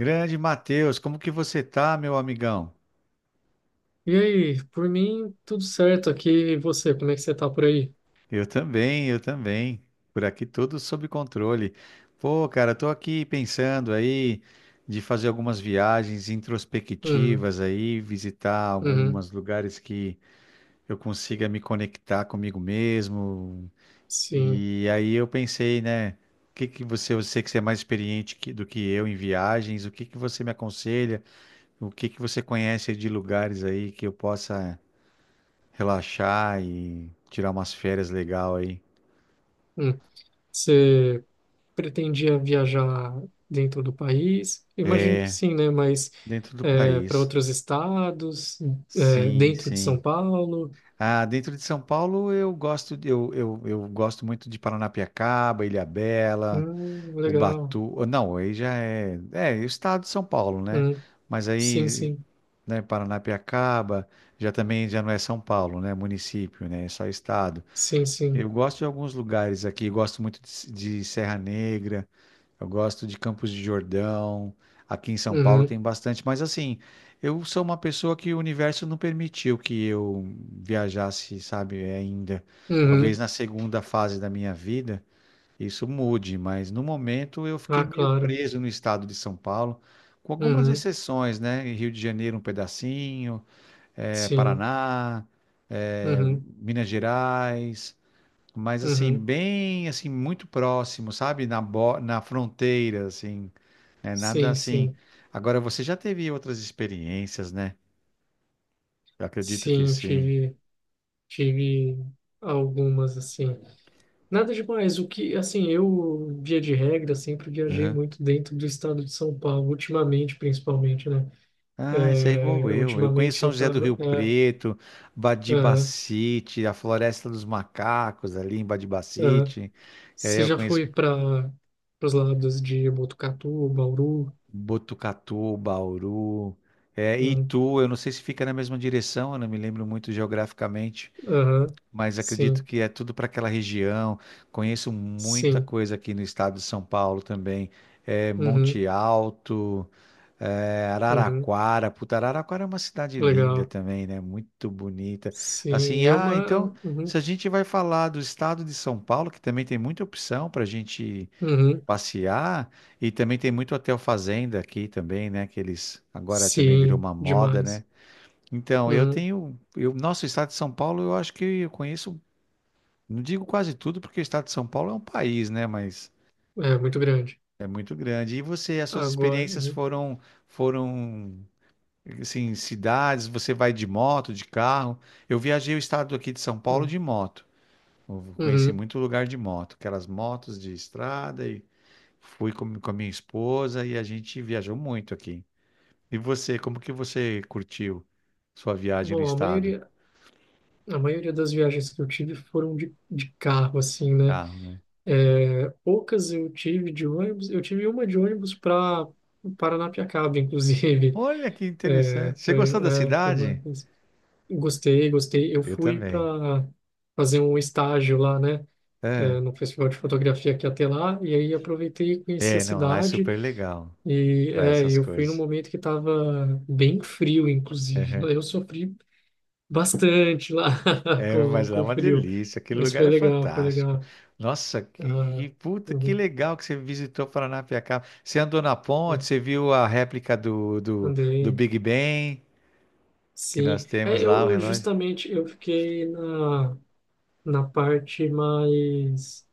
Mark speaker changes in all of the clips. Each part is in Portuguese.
Speaker 1: Grande Matheus, como que você tá, meu amigão?
Speaker 2: E aí, por mim, tudo certo aqui. E você, como é que você tá por aí?
Speaker 1: Eu também, eu também. Por aqui tudo sob controle. Pô, cara, tô aqui pensando aí de fazer algumas viagens
Speaker 2: Uhum,
Speaker 1: introspectivas aí, visitar
Speaker 2: uhum,
Speaker 1: alguns lugares que eu consiga me conectar comigo mesmo.
Speaker 2: sim.
Speaker 1: E aí eu pensei, né, o que que você, eu sei que você é mais experiente do que eu em viagens, o que que você me aconselha? O que que você conhece de lugares aí que eu possa relaxar e tirar umas férias legal aí
Speaker 2: Hum. Você pretendia viajar dentro do país? Imagino que sim, né? Mas
Speaker 1: dentro do
Speaker 2: para
Speaker 1: país.
Speaker 2: outros estados, é,
Speaker 1: Sim,
Speaker 2: dentro de São
Speaker 1: sim.
Speaker 2: Paulo?
Speaker 1: Ah, dentro de São Paulo eu gosto eu gosto muito de Paranapiacaba, Ilhabela,
Speaker 2: Legal.
Speaker 1: Ubatu. Não, aí já é, é o estado de São Paulo, né?
Speaker 2: Hum,
Speaker 1: Mas
Speaker 2: sim,
Speaker 1: aí,
Speaker 2: sim,
Speaker 1: né, Paranapiacaba já também já não é São Paulo, né? Município, né? É só estado.
Speaker 2: sim,
Speaker 1: Eu
Speaker 2: sim.
Speaker 1: gosto de alguns lugares aqui, gosto muito de Serra Negra, eu gosto de Campos de Jordão, aqui em São Paulo
Speaker 2: Uhum,
Speaker 1: tem bastante, mas assim, eu sou uma pessoa que o universo não permitiu que eu viajasse, sabe, é, ainda. Talvez
Speaker 2: uhum.
Speaker 1: na segunda fase da minha vida isso mude, mas no momento eu fiquei
Speaker 2: Ah,
Speaker 1: meio
Speaker 2: claro.
Speaker 1: preso no estado de São Paulo, com algumas
Speaker 2: Uhum,
Speaker 1: exceções, né? Em Rio de Janeiro um pedacinho,
Speaker 2: sim.
Speaker 1: Paraná, eh,
Speaker 2: Uhum,
Speaker 1: Minas Gerais, mas assim,
Speaker 2: uhum.
Speaker 1: bem assim, muito próximo, sabe? Na fronteira, assim, né? Nada
Speaker 2: Sim,
Speaker 1: assim.
Speaker 2: sim.
Speaker 1: Agora, você já teve outras experiências, né? Eu acredito que
Speaker 2: Sim,
Speaker 1: sim.
Speaker 2: tive. Tive algumas, assim. Nada demais. O que, assim, eu, via de regra, sempre viajei
Speaker 1: Aham.
Speaker 2: muito dentro do estado de São Paulo, ultimamente, principalmente, né?
Speaker 1: Ah, isso é igual
Speaker 2: É,
Speaker 1: eu. Eu conheço
Speaker 2: ultimamente
Speaker 1: São
Speaker 2: eu
Speaker 1: José do
Speaker 2: tava.
Speaker 1: Rio
Speaker 2: É,
Speaker 1: Preto,
Speaker 2: aham,
Speaker 1: Badibacite, a Floresta dos Macacos ali em
Speaker 2: aham.
Speaker 1: Badibacite. É,
Speaker 2: Você
Speaker 1: eu
Speaker 2: já
Speaker 1: conheço
Speaker 2: foi para os lados de Botucatu, Bauru?
Speaker 1: Botucatu, Bauru, é,
Speaker 2: Hum,
Speaker 1: Itu. Eu não sei se fica na mesma direção, eu não me lembro muito geograficamente,
Speaker 2: Aham,
Speaker 1: mas acredito
Speaker 2: Sim,
Speaker 1: que é tudo para aquela região. Conheço muita
Speaker 2: sim.
Speaker 1: coisa aqui no estado de São Paulo também. É,
Speaker 2: Uhum,
Speaker 1: Monte Alto, é,
Speaker 2: uhum.
Speaker 1: Araraquara. Puta, Araraquara é uma cidade linda
Speaker 2: Legal.
Speaker 1: também, né? Muito bonita.
Speaker 2: Sim,
Speaker 1: Assim,
Speaker 2: é
Speaker 1: ah,
Speaker 2: uma.
Speaker 1: então,
Speaker 2: Uhum,
Speaker 1: se a gente vai falar do estado de São Paulo, que também tem muita opção para a gente
Speaker 2: uhum.
Speaker 1: passear, e também tem muito hotel fazenda aqui também, né? Que eles agora também virou
Speaker 2: Sim,
Speaker 1: uma moda, né?
Speaker 2: demais.
Speaker 1: Então, eu
Speaker 2: Uhum.
Speaker 1: tenho, eu, nosso estado de São Paulo, eu acho que eu conheço, não digo quase tudo, porque o estado de São Paulo é um país, né? Mas
Speaker 2: É muito grande.
Speaker 1: é muito grande. E você, as suas
Speaker 2: Agora.
Speaker 1: experiências
Speaker 2: Uhum.
Speaker 1: foram, foram, assim, cidades, você vai de moto, de carro. Eu viajei o estado aqui de São Paulo
Speaker 2: uhum.
Speaker 1: de moto. Eu conheci
Speaker 2: Uhum.
Speaker 1: muito lugar de moto, aquelas motos de estrada, e fui com a minha esposa e a gente viajou muito aqui. E você, como que você curtiu sua viagem no
Speaker 2: Bom, a
Speaker 1: estado?
Speaker 2: maioria, a maioria das viagens que eu tive foram de carro, assim, né?
Speaker 1: Carro, né?
Speaker 2: É, poucas eu tive de ônibus. Eu tive uma de ônibus para Paranapiacaba, inclusive.
Speaker 1: Olha que
Speaker 2: É,
Speaker 1: interessante. Você
Speaker 2: foi,
Speaker 1: gostou da
Speaker 2: é, foi
Speaker 1: cidade?
Speaker 2: uma- Gostei, gostei. Eu
Speaker 1: Eu
Speaker 2: fui
Speaker 1: também.
Speaker 2: para fazer um estágio lá, né? É,
Speaker 1: É.
Speaker 2: no Festival de Fotografia que ia ter lá, e aí aproveitei e conheci a
Speaker 1: É, não, lá é
Speaker 2: cidade,
Speaker 1: super legal
Speaker 2: e
Speaker 1: pra
Speaker 2: é,
Speaker 1: essas
Speaker 2: eu fui num
Speaker 1: coisas.
Speaker 2: momento que estava bem frio, inclusive.
Speaker 1: Uhum.
Speaker 2: Eu sofri bastante lá
Speaker 1: É, mas
Speaker 2: com,
Speaker 1: lá é
Speaker 2: com
Speaker 1: uma
Speaker 2: frio.
Speaker 1: delícia, aquele
Speaker 2: Mas
Speaker 1: lugar
Speaker 2: foi
Speaker 1: é
Speaker 2: legal, foi
Speaker 1: fantástico.
Speaker 2: legal.
Speaker 1: Nossa,
Speaker 2: Ah,
Speaker 1: puta, que
Speaker 2: uhum,
Speaker 1: legal que você visitou Paranapiacaba. Você andou na
Speaker 2: é,
Speaker 1: ponte, você viu a réplica do, do
Speaker 2: andei,
Speaker 1: Big Ben que
Speaker 2: sim.
Speaker 1: nós
Speaker 2: É,
Speaker 1: temos lá, o
Speaker 2: eu
Speaker 1: relógio?
Speaker 2: justamente eu fiquei na parte mais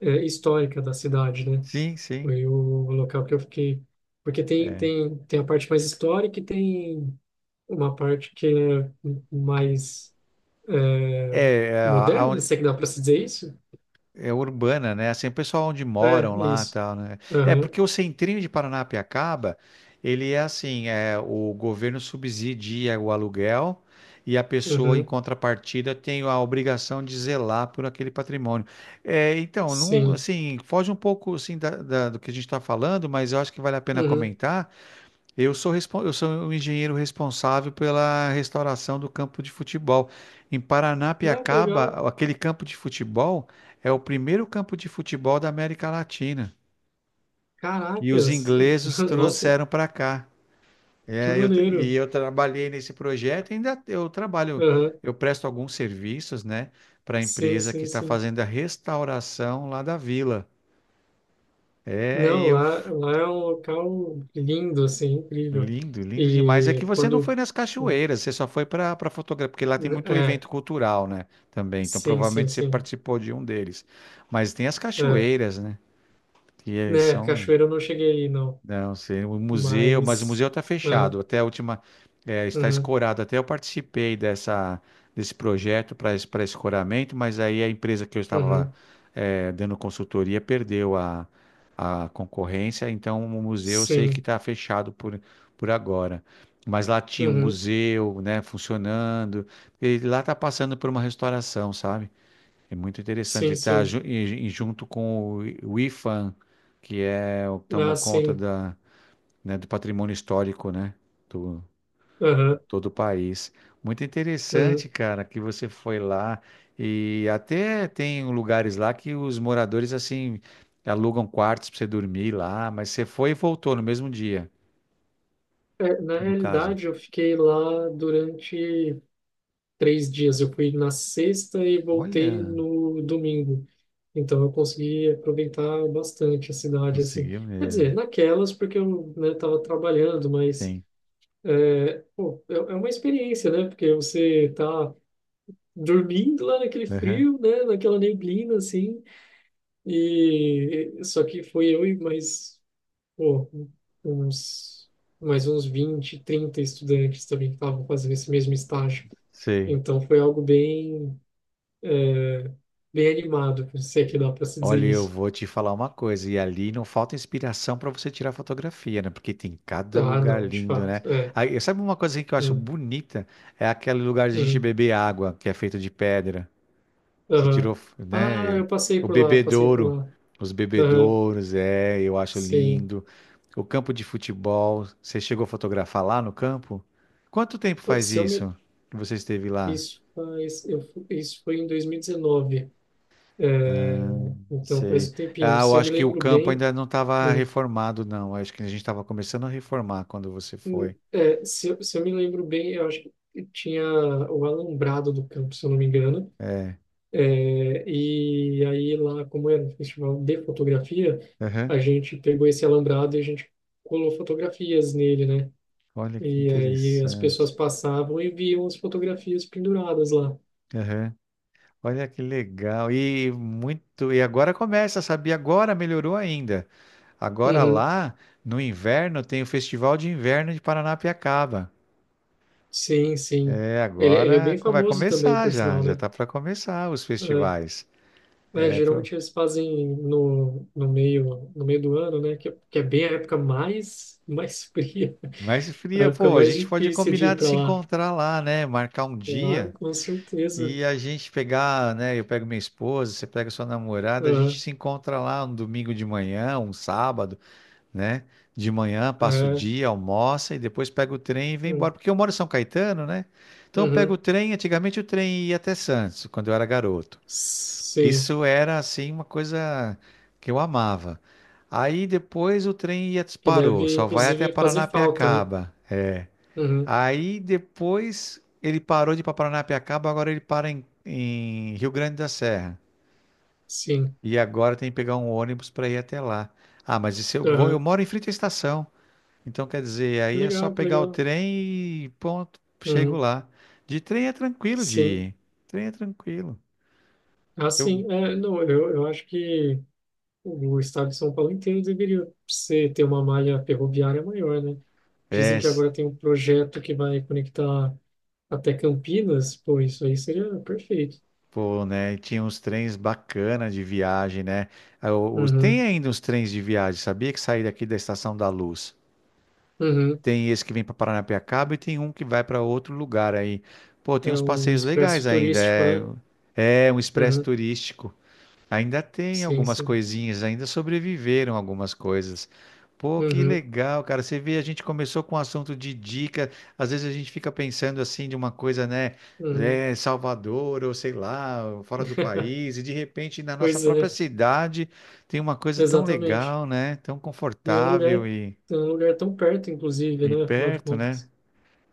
Speaker 2: é, histórica da cidade, né?
Speaker 1: Sim, sim.
Speaker 2: Foi o local que eu fiquei. Porque tem a parte mais histórica e tem uma parte que é mais é,
Speaker 1: É,
Speaker 2: moderna, se é que dá para se dizer isso?
Speaker 1: é urbana, né? Assim, o pessoal onde
Speaker 2: É,
Speaker 1: moram
Speaker 2: é
Speaker 1: lá, e
Speaker 2: isso.
Speaker 1: tal, né? É
Speaker 2: Aham,
Speaker 1: porque o centrinho de Paranapiacaba, ele é assim, é o governo subsidia o aluguel e a pessoa em
Speaker 2: uhum,
Speaker 1: contrapartida tem a obrigação de zelar por aquele patrimônio. É, então, não,
Speaker 2: sim.
Speaker 1: assim, foge um pouco assim do que a gente está falando, mas eu acho que vale a pena
Speaker 2: Uhum.
Speaker 1: comentar. Eu sou, eu sou o engenheiro responsável pela restauração do campo de futebol. Em
Speaker 2: Ah, que
Speaker 1: Paranapiacaba,
Speaker 2: legal.
Speaker 1: aquele campo de futebol é o primeiro campo de futebol da América Latina. E os
Speaker 2: Caracas.
Speaker 1: ingleses
Speaker 2: Nossa,
Speaker 1: trouxeram para cá.
Speaker 2: que
Speaker 1: É, e
Speaker 2: maneiro.
Speaker 1: eu trabalhei nesse projeto, ainda eu trabalho,
Speaker 2: Aham.
Speaker 1: eu presto alguns serviços, né, para a
Speaker 2: Sim,
Speaker 1: empresa que
Speaker 2: sim,
Speaker 1: está
Speaker 2: sim.
Speaker 1: fazendo a restauração lá da vila. É, e
Speaker 2: Não,
Speaker 1: eu
Speaker 2: lá é um local lindo, assim, incrível.
Speaker 1: Lindo, lindo demais. É que
Speaker 2: E
Speaker 1: você não foi
Speaker 2: quando...
Speaker 1: nas cachoeiras, você só foi para fotografia, porque lá tem muito
Speaker 2: É,
Speaker 1: evento cultural, né? Também. Então
Speaker 2: sim, sim,
Speaker 1: provavelmente você
Speaker 2: sim.
Speaker 1: participou de um deles. Mas tem as
Speaker 2: É.
Speaker 1: cachoeiras, né? Que
Speaker 2: Né,
Speaker 1: são,
Speaker 2: cachoeira eu não cheguei aí, não.
Speaker 1: não sei, o museu, mas o
Speaker 2: Mas...
Speaker 1: museu está
Speaker 2: ah,
Speaker 1: fechado. Até a última, está
Speaker 2: uhum,
Speaker 1: escorado. Até eu participei dessa, desse projeto para escoramento, mas aí a empresa que eu estava,
Speaker 2: uhum,
Speaker 1: dando consultoria, perdeu a, concorrência, então o museu eu sei que
Speaker 2: sim.
Speaker 1: está fechado por agora. Mas lá tinha um
Speaker 2: Uhum,
Speaker 1: museu, né, funcionando. E lá está passando por uma restauração, sabe? É muito interessante.
Speaker 2: sim,
Speaker 1: Está
Speaker 2: sim.
Speaker 1: junto com o o IFAM, que é o que
Speaker 2: Ah,
Speaker 1: tomou conta
Speaker 2: sim.
Speaker 1: da, né, do patrimônio histórico, né, do,
Speaker 2: Aham,
Speaker 1: de todo o país. Muito
Speaker 2: uhum.
Speaker 1: interessante, cara, que você foi lá, e até tem lugares lá que os moradores, assim, alugam quartos para você dormir lá, mas você foi e voltou no mesmo dia,
Speaker 2: É, na
Speaker 1: no caso.
Speaker 2: realidade, eu fiquei lá durante 3 dias. Eu fui na sexta e voltei
Speaker 1: Olha,
Speaker 2: no domingo. Então eu consegui aproveitar bastante a cidade, assim.
Speaker 1: conseguiu
Speaker 2: Quer dizer,
Speaker 1: mesmo.
Speaker 2: naquelas, porque eu, né, tava trabalhando, mas,
Speaker 1: Sim.
Speaker 2: pô, é, é uma experiência, né? Porque você tá dormindo lá naquele
Speaker 1: Aham.
Speaker 2: frio, né? Naquela neblina, assim. E só que foi eu e mais, pô, uns, mais uns 20 30 estudantes também que estavam fazendo esse mesmo estágio.
Speaker 1: Sei.
Speaker 2: Então foi algo bem bem animado, se é que dá pra se dizer
Speaker 1: Olha, eu
Speaker 2: isso.
Speaker 1: vou te falar uma coisa, e ali não falta inspiração para você tirar fotografia, né? Porque tem cada
Speaker 2: Ah,
Speaker 1: lugar
Speaker 2: não, de
Speaker 1: lindo, né?
Speaker 2: fato, é.
Speaker 1: Aí, sabe uma coisa que eu acho
Speaker 2: Hum,
Speaker 1: bonita? É aquele lugar de a gente
Speaker 2: hum,
Speaker 1: beber água, que é feito de pedra. Você
Speaker 2: aham.
Speaker 1: tirou,
Speaker 2: Ah,
Speaker 1: né?
Speaker 2: eu passei
Speaker 1: O
Speaker 2: por lá, passei por
Speaker 1: bebedouro,
Speaker 2: lá.
Speaker 1: os
Speaker 2: Aham,
Speaker 1: bebedouros, é, eu acho
Speaker 2: sim.
Speaker 1: lindo. O campo de futebol, você chegou a fotografar lá no campo? Quanto tempo faz
Speaker 2: Se eu me...
Speaker 1: isso que você esteve lá?
Speaker 2: Isso faz... Isso foi em 2019. É, então, faz
Speaker 1: Sei.
Speaker 2: um tempinho.
Speaker 1: Ah, eu
Speaker 2: Se eu me
Speaker 1: acho que o
Speaker 2: lembro
Speaker 1: campo
Speaker 2: bem...
Speaker 1: ainda não estava
Speaker 2: hum,
Speaker 1: reformado, não. Acho que a gente estava começando a reformar quando você foi.
Speaker 2: é, se eu me lembro bem, eu acho que tinha o alambrado do campo, se eu não me engano. É, e aí lá, como era um festival de fotografia,
Speaker 1: Aham.
Speaker 2: a gente pegou esse alambrado e a gente colou fotografias nele, né?
Speaker 1: Olha que
Speaker 2: E aí as pessoas
Speaker 1: interessante.
Speaker 2: passavam e viam as fotografias penduradas lá.
Speaker 1: Aham. Olha que legal. E muito. E agora começa, sabia? Agora melhorou ainda. Agora
Speaker 2: Uhum.
Speaker 1: lá, no inverno, tem o Festival de Inverno de Paranapiacaba.
Speaker 2: Sim, sim.
Speaker 1: É,
Speaker 2: Ele é
Speaker 1: agora
Speaker 2: bem
Speaker 1: vai
Speaker 2: famoso também,
Speaker 1: começar
Speaker 2: por
Speaker 1: já.
Speaker 2: sinal,
Speaker 1: Já
Speaker 2: né?
Speaker 1: tá para começar os
Speaker 2: É,
Speaker 1: festivais.
Speaker 2: né,
Speaker 1: É, pro...
Speaker 2: geralmente eles fazem no meio do ano, né? Que é bem a época mais fria,
Speaker 1: Mas
Speaker 2: a
Speaker 1: fria,
Speaker 2: época
Speaker 1: pô, a
Speaker 2: mais
Speaker 1: gente pode
Speaker 2: difícil de
Speaker 1: combinar
Speaker 2: ir
Speaker 1: de
Speaker 2: para
Speaker 1: se
Speaker 2: lá.
Speaker 1: encontrar lá, né? Marcar um
Speaker 2: Claro,
Speaker 1: dia.
Speaker 2: com certeza.
Speaker 1: E a gente pegar, né? Eu pego minha esposa, você pega sua namorada, a gente
Speaker 2: Uhum.
Speaker 1: se encontra lá um domingo de manhã, um sábado, né? De manhã, passa o
Speaker 2: É,
Speaker 1: dia, almoça e depois pega o trem e vem embora.
Speaker 2: é.
Speaker 1: Porque eu moro em São Caetano, né? Então eu pego o
Speaker 2: Uhum.
Speaker 1: trem, antigamente o trem ia até Santos, quando eu era garoto.
Speaker 2: Sim.
Speaker 1: Isso era, assim, uma coisa que eu amava. Aí depois o trem ia,
Speaker 2: Que
Speaker 1: parou,
Speaker 2: deve,
Speaker 1: só vai até
Speaker 2: inclusive, fazer falta, né?
Speaker 1: Paranapiacaba.
Speaker 2: Uhum.
Speaker 1: Aí depois ele parou de ir para Paranapiacaba, agora ele para em Rio Grande da Serra.
Speaker 2: Sim.
Speaker 1: E agora tem que pegar um ônibus para ir até lá. Ah, mas e se eu vou, eu
Speaker 2: Uhum.
Speaker 1: moro em frente à estação. Então quer dizer,
Speaker 2: Que
Speaker 1: aí é só
Speaker 2: legal, que
Speaker 1: pegar o
Speaker 2: legal.
Speaker 1: trem e ponto, chego
Speaker 2: Uhum.
Speaker 1: lá. De trem é tranquilo de
Speaker 2: Sim.
Speaker 1: ir. Trem é tranquilo.
Speaker 2: Ah, sim.
Speaker 1: Eu
Speaker 2: É, não, eu acho que o estado de São Paulo inteiro deveria ser, ter uma malha ferroviária maior, né?
Speaker 1: é,
Speaker 2: Dizem que
Speaker 1: s-
Speaker 2: agora tem um projeto que vai conectar até Campinas. Pô, isso aí seria perfeito.
Speaker 1: pô, né, tinha uns trens bacanas de viagem, né? Ah, tem
Speaker 2: Uhum.
Speaker 1: ainda uns trens de viagem, sabia, que saí daqui da Estação da Luz.
Speaker 2: Uhum.
Speaker 1: Tem esse que vem para Paranapiacaba e tem um que vai para outro lugar aí. Pô, tem
Speaker 2: É
Speaker 1: uns
Speaker 2: o
Speaker 1: passeios
Speaker 2: expresso
Speaker 1: legais ainda.
Speaker 2: turístico,
Speaker 1: É,
Speaker 2: né?
Speaker 1: é um expresso
Speaker 2: Uhum.
Speaker 1: turístico. Ainda tem
Speaker 2: Sim,
Speaker 1: algumas
Speaker 2: sim.
Speaker 1: coisinhas, ainda sobreviveram algumas coisas. Pô, que
Speaker 2: Uhum.
Speaker 1: legal, cara. Você vê, a gente começou com um assunto de dica. Às vezes a gente fica pensando assim de uma coisa, né?
Speaker 2: Uhum.
Speaker 1: É, Salvador, ou sei lá, fora do país, e de repente na nossa
Speaker 2: Pois
Speaker 1: própria
Speaker 2: é.
Speaker 1: cidade tem uma coisa tão
Speaker 2: Exatamente.
Speaker 1: legal, né? Tão
Speaker 2: E é
Speaker 1: confortável e,
Speaker 2: um lugar tão perto, inclusive, né? Afinal de
Speaker 1: perto, né?
Speaker 2: contas.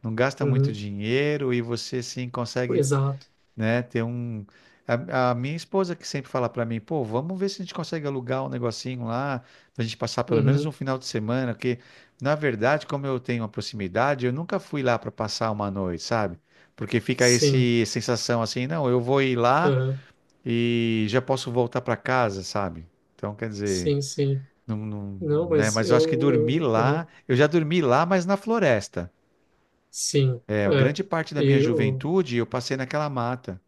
Speaker 1: Não gasta muito
Speaker 2: Uhum.
Speaker 1: dinheiro e você sim consegue,
Speaker 2: Exato.
Speaker 1: né, ter um. A minha esposa que sempre fala pra mim, pô, vamos ver se a gente consegue alugar um negocinho lá, pra gente passar pelo menos um
Speaker 2: Uhum.
Speaker 1: final de semana, porque na verdade, como eu tenho uma proximidade, eu nunca fui lá pra passar uma noite, sabe? Porque fica
Speaker 2: Sim.
Speaker 1: esse sensação assim, não, eu vou ir lá
Speaker 2: Uhum.
Speaker 1: e já posso voltar pra casa, sabe? Então, quer dizer,
Speaker 2: Sim, sim.
Speaker 1: não, não,
Speaker 2: Não,
Speaker 1: né?
Speaker 2: mas
Speaker 1: Mas eu acho que dormir
Speaker 2: eu,
Speaker 1: lá,
Speaker 2: uhum.
Speaker 1: eu já dormi lá, mas na floresta.
Speaker 2: Sim.
Speaker 1: É,
Speaker 2: É.
Speaker 1: grande parte da minha
Speaker 2: E o
Speaker 1: juventude eu passei naquela mata,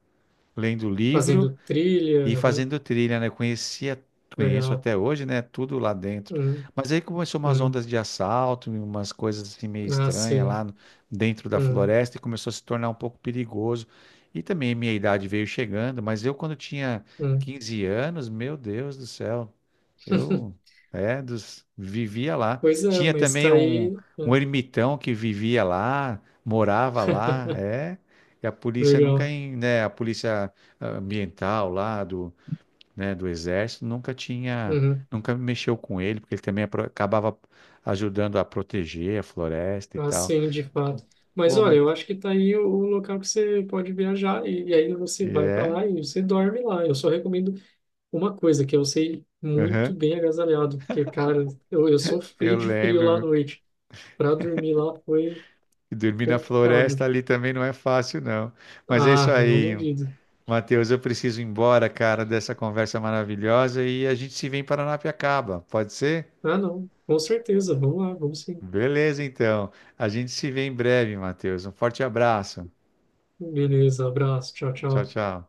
Speaker 1: lendo livro
Speaker 2: fazendo trilha,
Speaker 1: e
Speaker 2: uhum.
Speaker 1: fazendo trilha, né? Eu conheço
Speaker 2: Legal.
Speaker 1: até hoje, né? Tudo lá dentro.
Speaker 2: Uhum.
Speaker 1: Mas aí começou umas
Speaker 2: Uhum.
Speaker 1: ondas de assalto, umas coisas assim meio
Speaker 2: Ah,
Speaker 1: estranhas lá
Speaker 2: sim.
Speaker 1: dentro da
Speaker 2: Uhum.
Speaker 1: floresta, e começou a se tornar um pouco perigoso. E também minha idade veio chegando, mas eu quando tinha
Speaker 2: Uhum.
Speaker 1: 15 anos, meu Deus do céu, eu vivia lá.
Speaker 2: Pois é,
Speaker 1: Tinha
Speaker 2: mas
Speaker 1: também
Speaker 2: tá
Speaker 1: um,
Speaker 2: aí.
Speaker 1: um
Speaker 2: Né?
Speaker 1: ermitão que vivia lá, morava lá, é. E a polícia nunca,
Speaker 2: Legal.
Speaker 1: né? A polícia ambiental lá do, né, do exército, nunca tinha,
Speaker 2: Uhum.
Speaker 1: nunca mexeu com ele, porque ele também acabava ajudando a proteger a floresta e
Speaker 2: Ah,
Speaker 1: tal.
Speaker 2: sim, de fato. Mas
Speaker 1: Pô,
Speaker 2: olha,
Speaker 1: mas
Speaker 2: eu acho que tá aí o local que você pode viajar e aí você vai para
Speaker 1: é,
Speaker 2: lá e você dorme lá. Eu só recomendo uma coisa, que é você ir muito
Speaker 1: aham,
Speaker 2: bem agasalhado, porque, cara, eu sofri
Speaker 1: eu
Speaker 2: de frio lá à
Speaker 1: lembro.
Speaker 2: noite. Para dormir lá foi
Speaker 1: E dormir na floresta
Speaker 2: complicado.
Speaker 1: ali também não é fácil, não. Mas é isso
Speaker 2: Ah, eu não
Speaker 1: aí,
Speaker 2: duvido.
Speaker 1: Matheus. Eu preciso ir embora, cara, dessa conversa maravilhosa, e a gente se vê em Paranapiacaba, pode ser?
Speaker 2: Ah, não, com certeza. Vamos lá, vamos sim.
Speaker 1: Beleza, então. A gente se vê em breve, Matheus. Um forte abraço.
Speaker 2: Beleza, abraço, tchau,
Speaker 1: Tchau,
Speaker 2: tchau.
Speaker 1: tchau.